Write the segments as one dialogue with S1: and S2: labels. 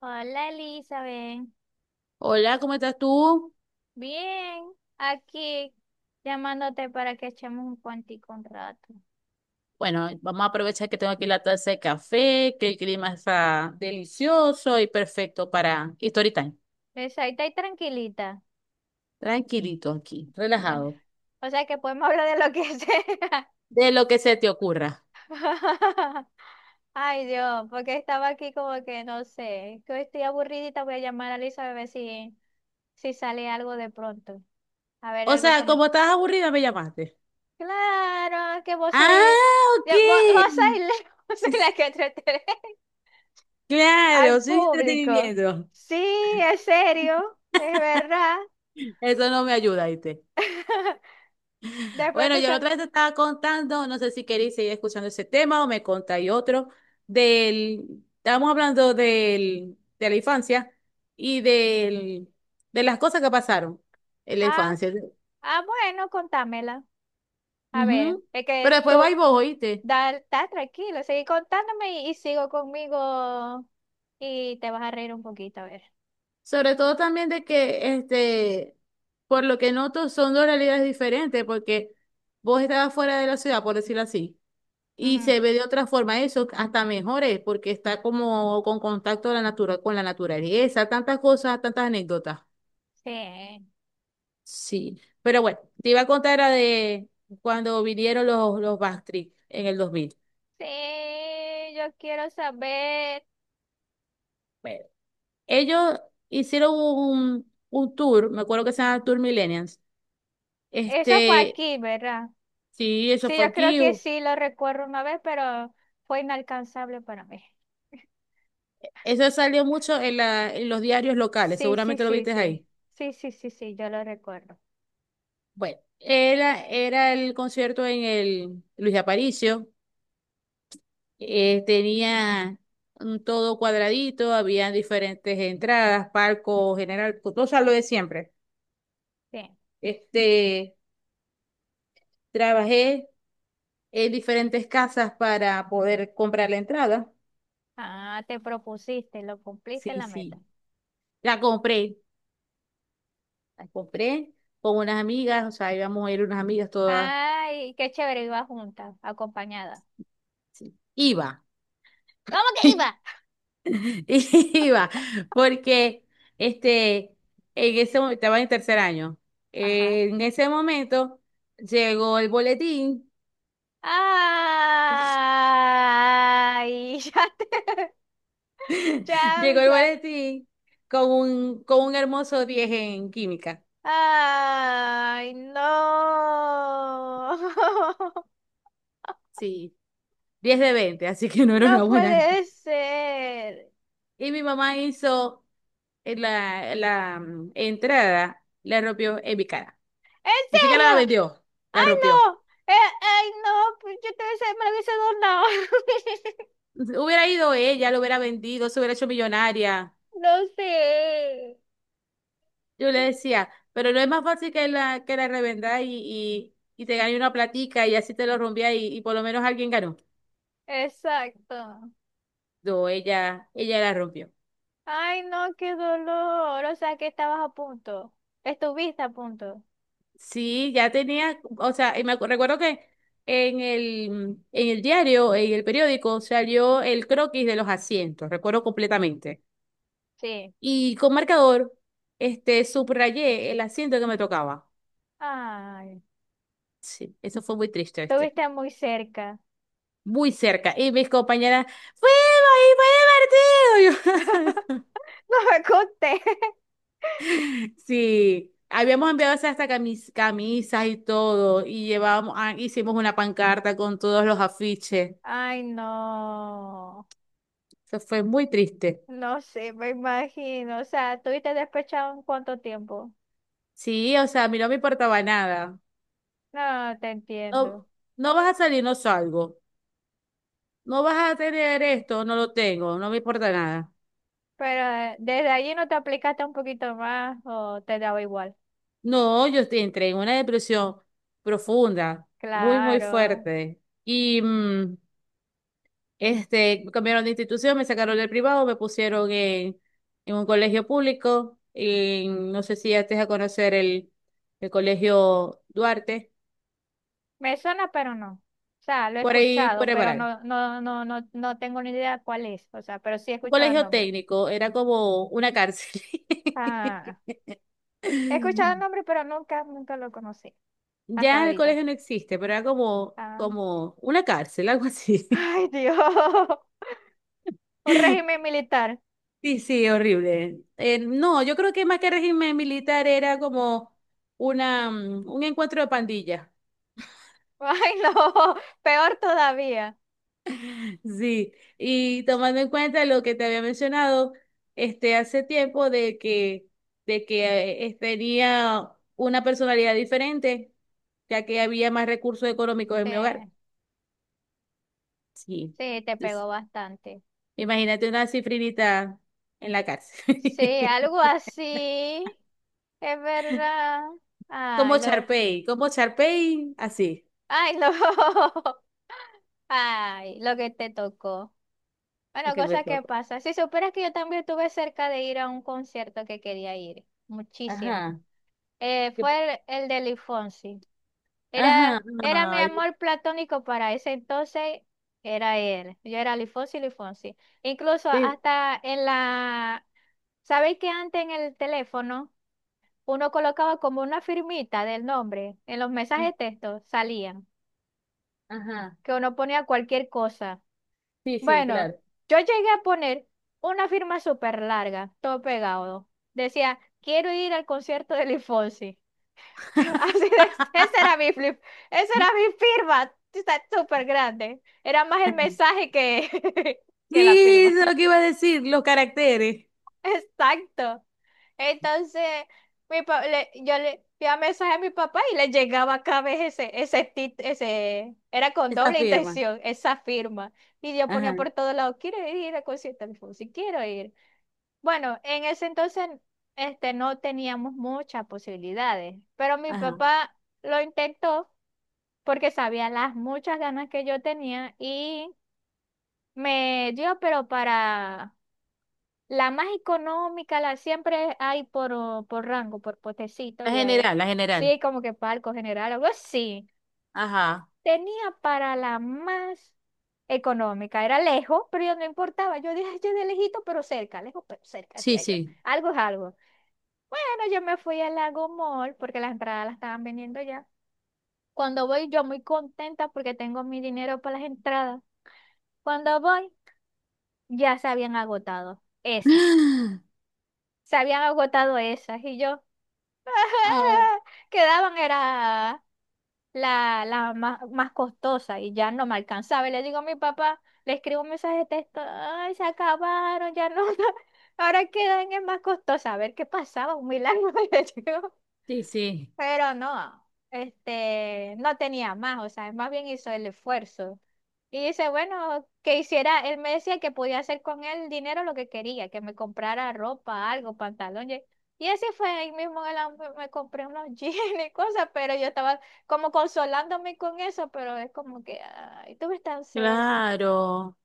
S1: Hola Elizabeth,
S2: Hola, ¿cómo estás tú?
S1: bien, aquí llamándote para que echemos un cuantico un rato.
S2: Bueno, vamos a aprovechar que tengo aquí la taza de café, que el clima está delicioso y perfecto para y story time.
S1: Esa, ahí está tranquilita.
S2: Tranquilito aquí,
S1: Ay,
S2: relajado,
S1: o sea que podemos hablar de lo que sea.
S2: de lo que se te ocurra.
S1: Ay Dios, porque estaba aquí como que no sé, que estoy aburridita, voy a llamar a Elizabeth a ver si, si sale algo de pronto. A ver,
S2: O
S1: algo
S2: sea,
S1: que me...
S2: como estás aburrida, me llamaste.
S1: Claro, que vos sois...
S2: Ah, ok.
S1: Ya, vos, vos sois la vos sois la que entretenés. Al
S2: Claro, soy
S1: público.
S2: entretenimiento.
S1: Sí, es serio, es verdad.
S2: Eso no me ayuda, ¿viste?
S1: De
S2: Bueno,
S1: pronto
S2: yo la
S1: sale,
S2: otra vez te estaba contando, no sé si queréis seguir escuchando ese tema o me contáis otro, estábamos hablando de la infancia y de las cosas que pasaron en la
S1: ah,
S2: infancia.
S1: ah, bueno, contámela. A ver,
S2: Ujú.
S1: es
S2: Pero
S1: que tú,
S2: después vais vos, oíste.
S1: da, está tranquilo, seguí contándome y sigo conmigo y te vas a reír un poquito, a ver.
S2: Sobre todo también de que, por lo que noto, son dos realidades diferentes, porque vos estabas fuera de la ciudad, por decirlo así. Y
S1: Ujú.
S2: se ve de otra forma eso, hasta mejor es, porque está como con contacto a la natura, con la naturaleza, tantas cosas, tantas anécdotas.
S1: Sí,
S2: Sí. Pero bueno, te iba a contar la de cuando vinieron los Backstreet en el 2000.
S1: sí, yo quiero saber.
S2: Bueno, ellos hicieron un tour, me acuerdo que se llama Tour Millennials.
S1: ¿Eso fue
S2: Este,
S1: aquí, verdad?
S2: sí, eso
S1: Sí,
S2: fue
S1: yo creo
S2: aquí.
S1: que sí lo recuerdo una vez, pero fue inalcanzable para mí.
S2: Eso salió mucho en los diarios locales,
S1: Sí, sí,
S2: seguramente lo
S1: sí,
S2: viste
S1: sí.
S2: ahí.
S1: Sí, sí, sí, sí, yo lo recuerdo.
S2: Bueno, era el concierto en el Luis Aparicio. Tenía un todo cuadradito, había diferentes entradas, palco, general, todo lo de siempre.
S1: Bien.
S2: Este, trabajé en diferentes casas para poder comprar la entrada.
S1: Ah, te propusiste, lo cumpliste
S2: Sí,
S1: la meta.
S2: sí. La compré, la compré con unas amigas, o sea, íbamos a ir unas amigas todas.
S1: Ay, qué chévere, iba junta, acompañada.
S2: Iba,
S1: ¿Cómo que iba?
S2: iba, porque este, en ese momento, estaba en 3er año.
S1: Ajá.
S2: En ese momento llegó el boletín.
S1: Ay, ya te... Ya,
S2: Llegó el
S1: ya.
S2: boletín con con un hermoso 10 en química.
S1: Ay, no.
S2: Sí, 10 de 20, así que no era
S1: No
S2: una buena.
S1: puede ser.
S2: Y mi mamá hizo en la entrada, la rompió en mi cara.
S1: ¿En
S2: Ni siquiera la
S1: serio?
S2: vendió, la
S1: ¡Ay,
S2: rompió.
S1: no! ¡Ay, no! Pues yo te hubiese, me lo hubiese donado.
S2: Hubiera ido ella, lo hubiera vendido, se hubiera hecho millonaria.
S1: No sé.
S2: Yo le decía, pero no es más fácil que la revenda y te gane una platica y así te lo rompía y por lo menos alguien ganó.
S1: Exacto.
S2: No, ella la rompió.
S1: ¡Ay, no! ¡Qué dolor! O sea, que estabas a punto. Estuviste a punto.
S2: Sí, ya tenía, o sea, y me recuerdo que en en el diario, en el periódico, salió el croquis de los asientos, recuerdo completamente.
S1: Sí.
S2: Y con marcador, subrayé el asiento que me tocaba.
S1: ¡Ay!
S2: Sí, eso fue muy triste, este.
S1: Estuviste muy cerca.
S2: Muy cerca. Y mis compañeras, ¡fuimos! ¡Y fue divertido!
S1: No me conté.
S2: Y yo, sí, habíamos enviado hasta camisas y todo, y llevábamos, ah, hicimos una pancarta con todos los afiches.
S1: ¡Ay, no!
S2: Eso fue muy triste.
S1: No sé, me imagino. O sea, ¿tuviste despechado en cuánto tiempo?
S2: Sí, o sea, a mí no me importaba nada.
S1: No, te
S2: No,
S1: entiendo.
S2: no vas a salir, no salgo. No vas a tener esto, no lo tengo, no me importa nada.
S1: Pero desde allí no te aplicaste un poquito más o te daba igual.
S2: No, yo entré en una depresión profunda, muy, muy
S1: Claro.
S2: fuerte. Y me cambiaron de institución, me sacaron del privado, me pusieron en un colegio público. No sé si ya estés a conocer el colegio Duarte,
S1: Me suena, pero no. O sea, lo he
S2: por ahí,
S1: escuchado,
S2: por el
S1: pero
S2: Baral.
S1: no, no, no, no, no tengo ni idea cuál es. O sea, pero sí he
S2: Un
S1: escuchado el
S2: colegio
S1: nombre.
S2: técnico, era como una cárcel.
S1: Ah, he escuchado el nombre, pero nunca, nunca lo conocí. Hasta
S2: Ya el
S1: ahorita.
S2: colegio no existe, pero era como,
S1: Ah.
S2: como una cárcel, algo así.
S1: Ay, Dios. Un régimen militar.
S2: Sí, sí, horrible. No, yo creo que más que régimen militar era como un encuentro de pandillas.
S1: Ay, no. Peor todavía.
S2: Sí, y tomando en cuenta lo que te había mencionado, hace tiempo de que tenía una personalidad diferente, ya que había más recursos económicos en mi
S1: Eh,
S2: hogar. Sí.
S1: sí, te pegó bastante.
S2: Imagínate una cifrinita en la cárcel.
S1: Sí, algo así. Es verdad. Ay, lo,
S2: Como Charpey, así,
S1: ay, lo, ay, lo que te tocó.
S2: a
S1: Bueno,
S2: que me
S1: cosas que
S2: toco.
S1: pasan. Si supieras que yo también estuve cerca de ir a un concierto que quería ir, muchísimo.
S2: Ajá, que-
S1: Fue el de Luis Fonsi. Era,
S2: ajá,
S1: era mi
S2: ay,
S1: amor platónico para ese entonces, era él. Yo era Luis Fonsi, Luis Fonsi. Incluso
S2: sí,
S1: hasta en la, ¿sabéis que antes en el teléfono? Uno colocaba como una firmita del nombre en los mensajes
S2: mm,
S1: de texto, salían,
S2: ajá,
S1: que uno ponía cualquier cosa.
S2: sí, sí,
S1: Bueno,
S2: claro.
S1: yo llegué a poner una firma súper larga, todo pegado. Decía, quiero ir al concierto de Luis Fonsi. Así de, esa era mi flip, esa era mi firma, está súper grande. Era más el mensaje que,
S2: Sí,
S1: que la firma.
S2: eso es lo que iba a decir, los caracteres,
S1: Exacto. Entonces, yo le enviaba mensaje a mi papá y le llegaba cada vez ese, era con
S2: esa
S1: doble
S2: firma.
S1: intención, esa firma. Y yo ponía
S2: Ajá,
S1: por todos lados, quiero ir a concierto de Fonsi, quiero ir. Bueno, en ese entonces no teníamos muchas posibilidades, pero mi
S2: ajá.
S1: papá lo intentó porque sabía las muchas ganas que yo tenía y me dio, pero para la más económica, la siempre hay por, oh, por rango, por potecito,
S2: La
S1: y ahí,
S2: general, la general.
S1: sí, como que palco general, algo así.
S2: Ajá,
S1: Tenía para la más económica, era lejos, pero yo no importaba. Yo dije, yo de lejito, pero cerca, lejos, pero cerca,
S2: sí,
S1: hacía yo.
S2: sí.
S1: Algo es algo. Bueno, yo me fui al Lago Mall porque las entradas las estaban vendiendo ya. Cuando voy, yo muy contenta porque tengo mi dinero para las entradas. Cuando voy, ya se habían agotado esas. Se habían agotado esas. Y yo.
S2: Ah,
S1: Quedaban era la más, más costosa y ya no me alcanzaba. Y le digo a mi papá, le escribo un mensaje de texto, ay, se acabaron, ya no, ahora quedan en más costosa. A ver qué pasaba, un milagro. Le digo.
S2: sí, sí.
S1: Pero no, no tenía más, o sea, más bien hizo el esfuerzo. Y dice, bueno, que hiciera, él me decía que podía hacer con el dinero lo que quería, que me comprara ropa, algo, pantalón. Y así fue, ahí mismo me compré unos jeans y cosas, pero yo estaba como consolándome con eso, pero es como que, ay, tú ves tan cerca.
S2: Claro.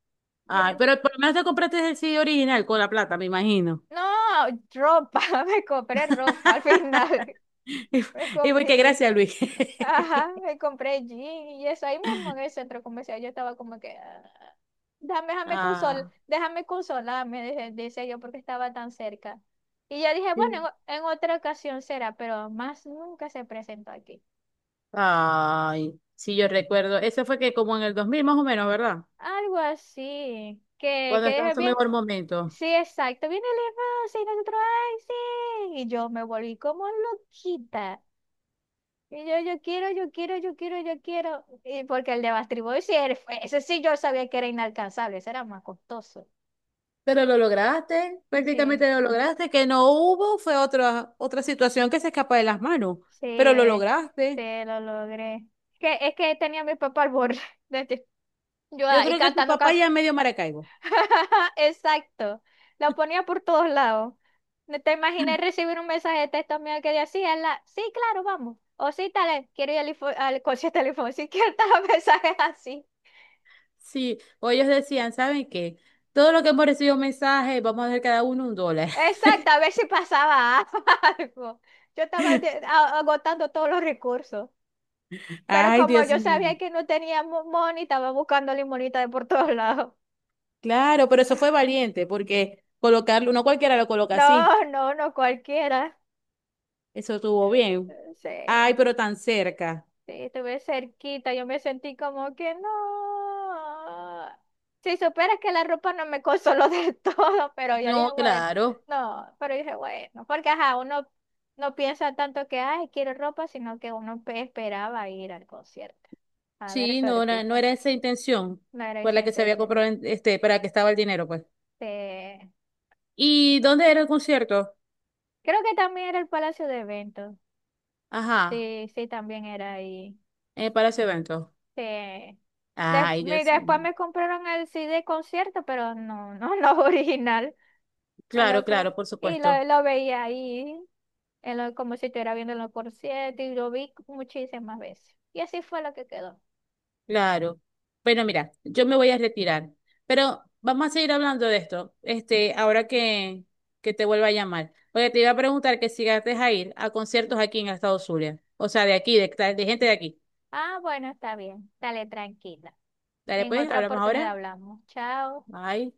S1: Yo
S2: Ay,
S1: le-
S2: pero por lo menos te compraste el CD original con la plata, me imagino.
S1: no, ropa, me compré ropa al final,
S2: Y,
S1: me
S2: y voy que
S1: compré jeans.
S2: gracias, Luis.
S1: Ajá, me compré jean y eso ahí mismo en el centro comercial. Yo estaba como que, "Ah, déjame,
S2: Ah,
S1: déjame consolarme, decía yo, porque estaba tan cerca. Y yo dije, bueno,
S2: sí.
S1: en otra ocasión será, pero más nunca se presentó aquí.
S2: Ay, sí, yo recuerdo. Eso fue que como en el 2000, más o menos, ¿verdad?
S1: Algo así,
S2: Cuando
S1: que
S2: estaba en
S1: dije
S2: su
S1: bien.
S2: mejor momento.
S1: Sí, exacto, viene el hermano, y nosotros, ay, sí. Y yo me volví como loquita. Y yo quiero, yo quiero, yo quiero, yo quiero. Y porque el de Backstreet Boys, sí, ese sí yo sabía que era inalcanzable, ese era más costoso.
S2: Pero lo lograste,
S1: Sí,
S2: prácticamente lo lograste. Que no hubo fue otra situación que se escapa de las manos, pero lo
S1: sí, sí,
S2: lograste.
S1: lo logré. Que, es que tenía a mi papá al borde. Yo
S2: Yo
S1: ahí
S2: creo que tu
S1: cantando
S2: papá
S1: casi.
S2: ya es medio Maracaibo.
S1: Exacto. Lo ponía por todos lados. No te imaginé recibir un mensaje de texto mío que decía, la, sí, claro, vamos. O sí, tal, quiero ir al concierto del Infonso. Sí, que mensajes así.
S2: Sí, o ellos decían, ¿saben qué? Todo lo que hemos recibido mensajes, vamos a dar cada uno $1.
S1: Exacto, a ver si pasaba algo. Yo estaba agotando todos los recursos, pero
S2: Ay,
S1: como
S2: Dios
S1: yo
S2: mío.
S1: sabía que no teníamos money, estaba buscando limonita de por todos lados.
S2: Claro, pero eso fue valiente, porque colocarlo, no cualquiera lo coloca así.
S1: No, no, no cualquiera.
S2: Eso estuvo bien. Ay,
S1: Sí.
S2: pero tan cerca.
S1: Sí, estuve cerquita, yo me sentí como que no. Si supieras que la ropa no me consoló del todo, pero yo dije,
S2: No,
S1: bueno,
S2: claro.
S1: no, pero dije, bueno, porque ajá, uno no piensa tanto que, ay, quiero ropa, sino que esperaba ir al concierto. A ver,
S2: Sí, no
S1: suertito,
S2: era esa intención
S1: no era
S2: por
S1: esa
S2: la que se había
S1: intención.
S2: comprado, para que estaba el dinero, pues.
S1: Sí.
S2: ¿Y dónde era el concierto?
S1: Creo que también era el Palacio de Eventos.
S2: Ajá,
S1: Sí, sí, también era ahí.
S2: en el Palacio de Eventos.
S1: Sí.
S2: Ay, Dios
S1: Después
S2: mío.
S1: me compraron el CD concierto, pero no, no, no original. Me lo
S2: Claro,
S1: co-
S2: claro, por
S1: y
S2: supuesto.
S1: lo veía ahí, como si estuviera viendo los conciertos, y lo vi muchísimas veces. Y así fue lo que quedó.
S2: Claro. Bueno, mira, yo me voy a retirar, pero vamos a seguir hablando de esto, ahora que te vuelva a llamar. Porque te iba a preguntar que si llegaste a ir a conciertos aquí en el estado Zulia, o sea, de gente de aquí.
S1: Ah, bueno, está bien. Dale tranquila.
S2: Dale,
S1: En
S2: pues,
S1: otra
S2: hablamos
S1: oportunidad
S2: ahora.
S1: hablamos. Chao.
S2: Bye.